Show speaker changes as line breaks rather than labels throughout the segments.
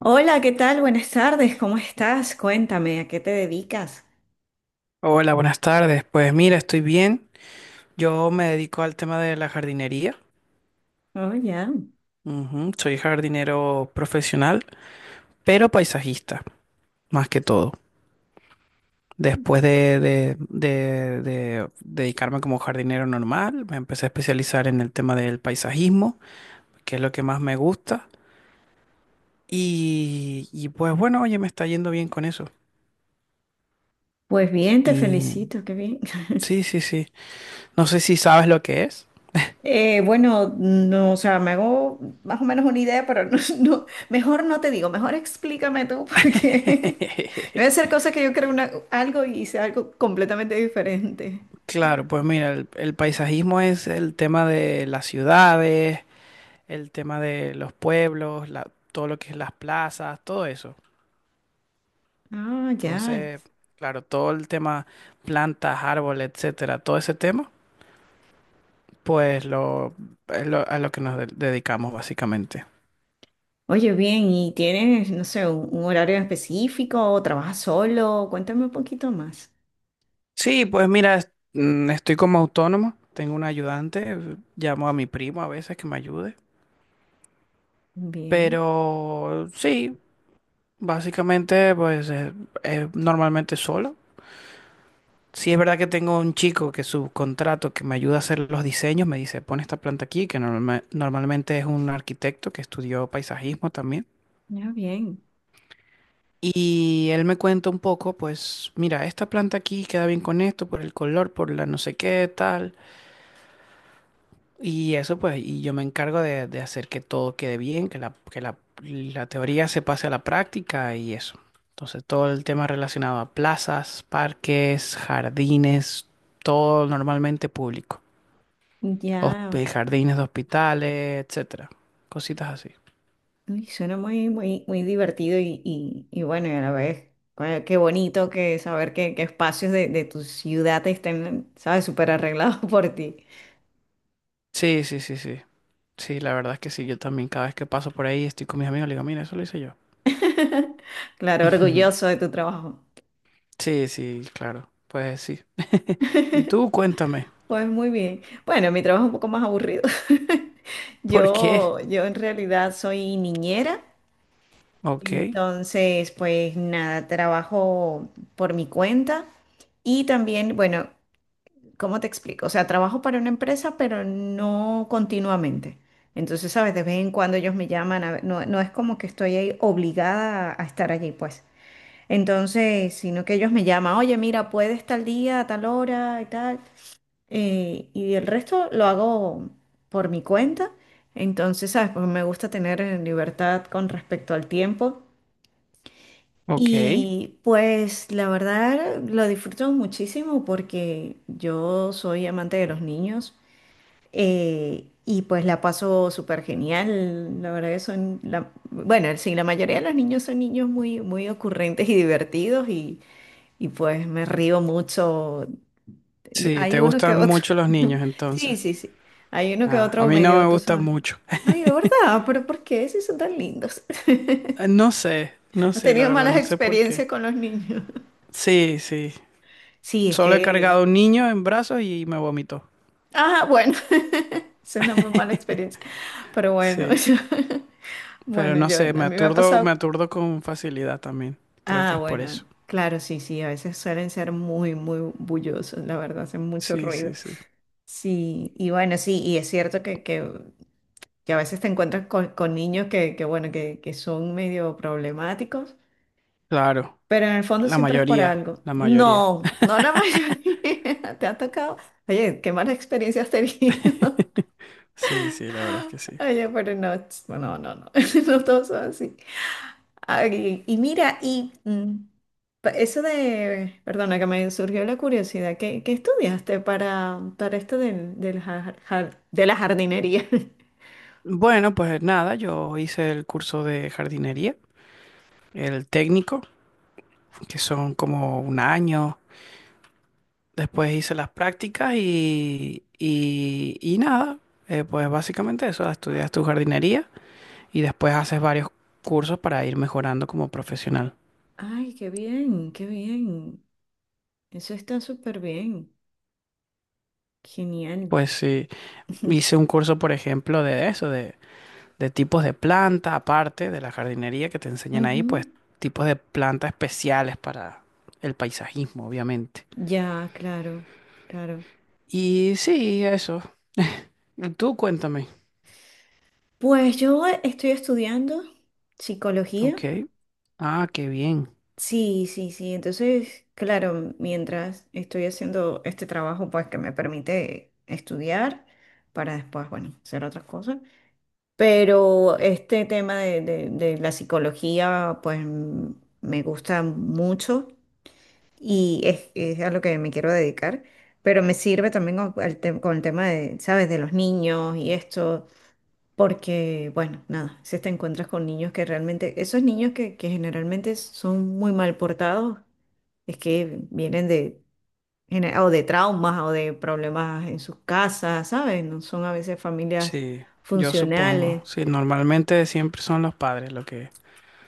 Hola, ¿qué tal? Buenas tardes, ¿cómo estás? Cuéntame, ¿a qué te dedicas?
Hola, buenas tardes. Pues mira, estoy bien. Yo me dedico al tema de la jardinería.
Oh, ya.
Ujú, soy jardinero profesional, pero paisajista, más que todo. Después de dedicarme como jardinero normal, me empecé a especializar en el tema del paisajismo, que es lo que más me gusta. Y pues bueno, oye, me está yendo bien con eso.
Pues bien, te
Y
felicito, qué bien.
sí, sí, sí. No sé si sabes lo que es.
Bueno, no, o sea, me hago más o menos una idea, pero no, no, mejor no te digo, mejor explícame tú, porque no voy a hacer cosas que yo creo algo y sea algo completamente diferente.
Claro, pues mira, el paisajismo es el tema de las ciudades, el tema de los pueblos, todo lo que es las plazas, todo eso.
Ah, ya.
Entonces, claro, todo el tema plantas, árboles, etcétera, todo ese tema, pues lo, es a lo que nos dedicamos básicamente.
Oye, bien, ¿y tienes, no sé, un horario específico o trabajas solo? Cuéntame un poquito más.
Sí, pues mira, estoy como autónomo, tengo un ayudante, llamo a mi primo a veces que me ayude,
Bien,
pero sí, básicamente pues normalmente solo. Sí, es verdad que tengo un chico que subcontrato que me ayuda a hacer los diseños, me dice, pon esta planta aquí, que normalmente es un arquitecto que estudió paisajismo también.
ya bien.
Y él me cuenta un poco, pues, mira, esta planta aquí queda bien con esto, por el color, por la no sé qué, tal. Y eso, pues, y yo me encargo de hacer que todo quede bien, la teoría se pase a la práctica y eso. Entonces, todo el tema relacionado a plazas, parques, jardines, todo normalmente público.
Ya.
Jardines de hospitales, etcétera. Cositas así.
Uy, suena muy, muy, muy divertido y bueno, y a la vez, qué bonito que saber que espacios de tu ciudad estén, ¿sabes?, súper arreglados por ti.
Sí, sí, sí, sí. Sí, la verdad es que sí. Yo también cada vez que paso por ahí estoy con mis amigos, le digo, mira, eso lo hice yo.
Claro, orgulloso de tu trabajo.
Sí, sí, claro. Pues sí. Y tú cuéntame,
Pues muy bien. Bueno, mi trabajo es un poco más aburrido.
¿por qué?
Yo en realidad soy niñera,
Ok,
entonces pues nada, trabajo por mi cuenta y también, bueno, ¿cómo te explico? O sea, trabajo para una empresa, pero no continuamente. Entonces, ¿sabes? De vez en cuando ellos me llaman, a ver, no, no es como que estoy ahí obligada a estar allí, pues. Entonces, sino que ellos me llaman, oye, mira, puedes tal día, a tal hora y tal. Y el resto lo hago por mi cuenta. Entonces, ¿sabes? Porque me gusta tener libertad con respecto al tiempo.
ok.
Y pues la verdad lo disfruto muchísimo porque yo soy amante de los niños, y pues la paso súper genial. La verdad que son, la, bueno, sí, la mayoría de los niños son niños muy, muy ocurrentes y divertidos y pues me río mucho.
Sí, te
Hay uno que
gustan
otro.
mucho los niños
Sí,
entonces.
sí, sí. Hay uno que
Ah, a
otro
mí no me
medio, tú
gustan
sabes.
mucho.
Ay, de verdad, pero ¿por qué? Si son tan lindos.
No sé, no
Has
sé, la
tenido
verdad,
malas
no sé por qué.
experiencias con los niños.
Sí, sí.
Sí, es
Solo he
que...
cargado un niño en brazos y me vomitó.
Ah, bueno. Es una muy mala experiencia. Pero bueno,
Sí. Pero
bueno,
no
yo,
sé,
a mí me ha
me
pasado.
aturdo con facilidad también. Creo que
Ah,
es por
bueno,
eso.
claro, sí, sí, a veces suelen ser muy, muy bullosos, la verdad, hacen mucho
Sí, sí,
ruido.
sí.
Sí, y bueno, sí, y es cierto que a veces te encuentras con niños que, bueno, que son medio problemáticos,
Claro,
pero en el fondo
la
siempre es por
mayoría,
algo.
la mayoría.
No, no la mayoría, te ha tocado. Oye, qué mala experiencia has tenido.
Sí, sí, la verdad es que sí.
Oye, pero no, no, no, no, no todos son así. Ay, y mira, y eso de, perdona que me surgió la curiosidad, ¿qué, qué estudiaste para esto del, de la jardinería?
Bueno, pues nada, yo hice el curso de jardinería, el técnico, que son como un año. Después hice las prácticas y nada, pues básicamente eso, estudias tu jardinería y después haces varios cursos para ir mejorando como profesional.
Ay, qué bien, qué bien. Eso está súper bien. Genial.
Pues sí, hice un curso, por ejemplo, de eso, de tipos de plantas, aparte de la jardinería que te enseñan ahí, pues
Ujú.
tipos de plantas especiales para el paisajismo, obviamente.
Ya, claro, claro.
Y sí, eso. Y tú cuéntame.
Pues yo estoy estudiando psicología.
Ok. Ah, qué bien.
Sí, sí, sí. Entonces, claro, mientras estoy haciendo este trabajo, pues que me permite estudiar para después, bueno, hacer otras cosas. Pero este tema de, de la psicología, pues me gusta mucho y es a lo que me quiero dedicar. Pero me sirve también con, con el tema de, ¿sabes? De los niños y esto. Porque, bueno, nada, si te encuentras con niños que realmente, esos niños que generalmente son muy mal portados es que vienen de, o de traumas o de problemas en sus casas, ¿sabes? No son a veces familias
Sí, yo supongo.
funcionales.
Sí, normalmente siempre son los padres lo que,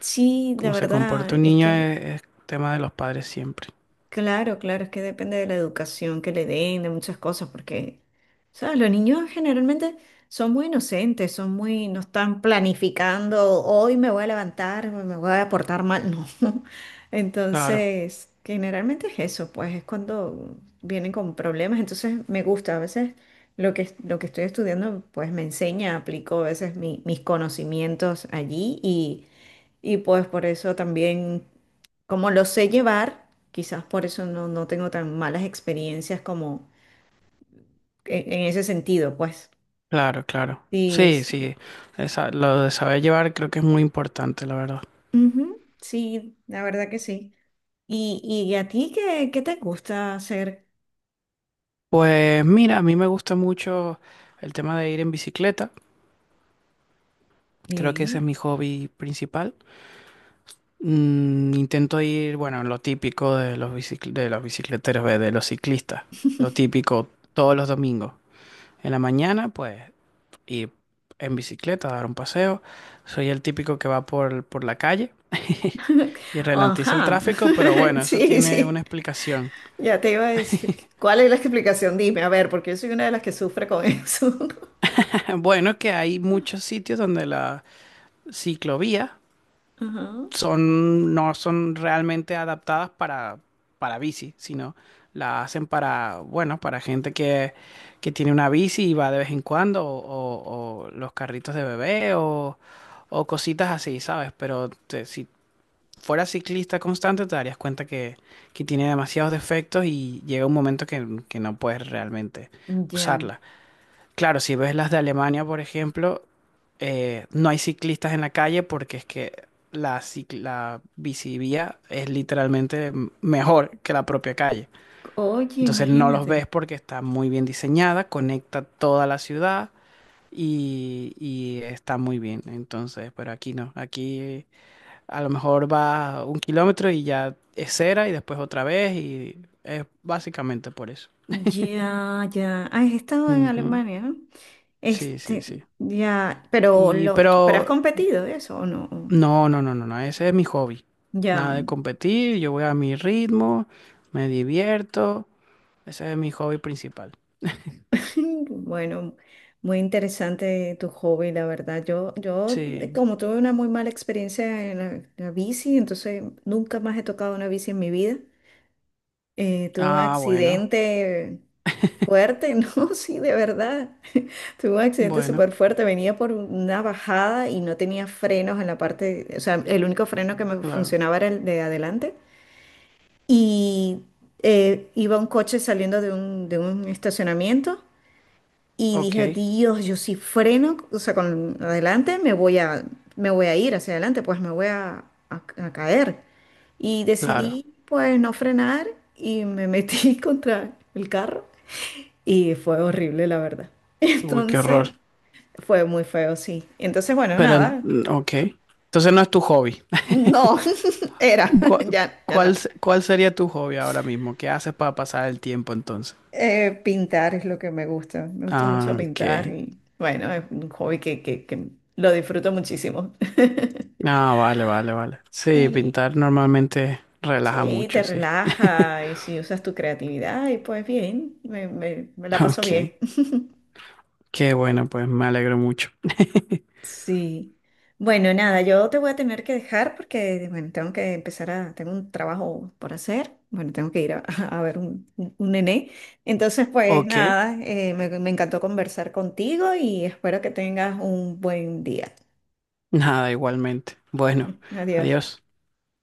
Sí, la
como se
verdad,
comporta un
es
niño
que...
es tema de los padres siempre.
Claro, claro, es que depende de la educación que le den, de muchas cosas, porque, ¿sabes? Los niños generalmente son muy inocentes, son muy, no están planificando, hoy me voy a levantar, me voy a portar mal, no.
Claro,
Entonces, generalmente es eso, pues es cuando vienen con problemas, entonces me gusta, a veces lo que estoy estudiando, pues me enseña, aplico a veces mis conocimientos allí y pues por eso también, como lo sé llevar, quizás por eso no, no tengo tan malas experiencias como en ese sentido, pues.
claro, claro.
Sí,
Sí,
sí.
sí. Lo de saber llevar creo que es muy importante, la verdad.
Ujú, sí, la verdad que sí. ¿Y, y a ti qué, qué te gusta hacer
Pues mira, a mí me gusta mucho el tema de ir en bicicleta. Creo que ese es
bien?
mi hobby principal. Intento ir, bueno, lo típico de los de los bicicleteros, ve, de los ciclistas. Lo típico todos los domingos. En la mañana, pues ir en bicicleta, dar un paseo. Soy el típico que va por la calle y ralentiza el
Ajá,
tráfico, pero bueno, eso
sí,
tiene una
sí.
explicación.
Ya te iba a decir, ¿cuál es la explicación? Dime, a ver, porque yo soy una de las que sufre con eso.
Bueno, que hay muchos sitios donde la ciclovía
Ajá.
son, no son realmente adaptadas para bici, sino la hacen para, bueno, para gente que tiene una bici y va de vez en cuando, o, o los carritos de bebé, o cositas así, ¿sabes? Pero si fueras ciclista constante, te darías cuenta que tiene demasiados defectos y llega un momento que no puedes realmente
Ya.
usarla. Claro, si ves las de Alemania, por ejemplo, no hay ciclistas en la calle porque es que la, la bicivía es literalmente mejor que la propia calle.
Oye,
Entonces no los ves
imagínate.
porque está muy bien diseñada, conecta toda la ciudad y está muy bien. Entonces, pero aquí no. Aquí a lo mejor va un kilómetro y ya es cera y después otra vez y es básicamente por eso.
Ya, ya. Ah, has estado en
Ujú.
Alemania, ¿no?
Sí, sí,
Este,
sí.
ya, pero
Y
lo, pero ¿has
pero
competido eso o no?
no, no, no, no, no, ese es mi hobby. Nada
Ya.
de competir, yo voy a mi ritmo, me divierto, ese es mi hobby principal.
Bueno, muy interesante tu hobby, la verdad. Yo,
Sí.
como tuve una muy mala experiencia en la, la bici, entonces nunca más he tocado una bici en mi vida. Tuve un
Ah, bueno.
accidente fuerte, no, sí, de verdad. Tuve un accidente
Bueno,
súper fuerte. Venía por una bajada y no tenía frenos en la parte, o sea, el único freno que me
claro.
funcionaba era el de adelante. Y iba un coche saliendo de un estacionamiento y dije,
Ok,
Dios, yo si freno, o sea, con adelante me voy a ir hacia adelante, pues me voy a, a caer. Y
claro.
decidí, pues, no frenar y me metí contra el carro y fue horrible, la verdad.
Uy, qué
Entonces,
horror.
fue muy feo, sí. Entonces, bueno,
Pero,
nada,
ok. Entonces no es tu hobby.
no, era,
¿Cuál,
ya, ya no.
cuál, cuál sería tu hobby ahora mismo? ¿Qué haces para pasar el tiempo entonces?
Pintar es lo que me gusta mucho
Ah, ok.
pintar y, bueno, es un hobby que, que lo disfruto muchísimo.
Ah, vale, vale, vale. Sí,
Sí.
pintar normalmente relaja
Sí, te
mucho, sí.
relaja y si usas tu creatividad y pues bien, me, me la paso
Ok.
bien.
Qué bueno, pues me alegro mucho.
Sí. Bueno, nada, yo te voy a tener que dejar porque, bueno, tengo que empezar a, tengo un trabajo por hacer, bueno, tengo que ir a, a ver un, un nené. Entonces, pues
Ok,
nada, me encantó conversar contigo y espero que tengas un buen día.
nada, igualmente. Bueno,
Adiós.
adiós.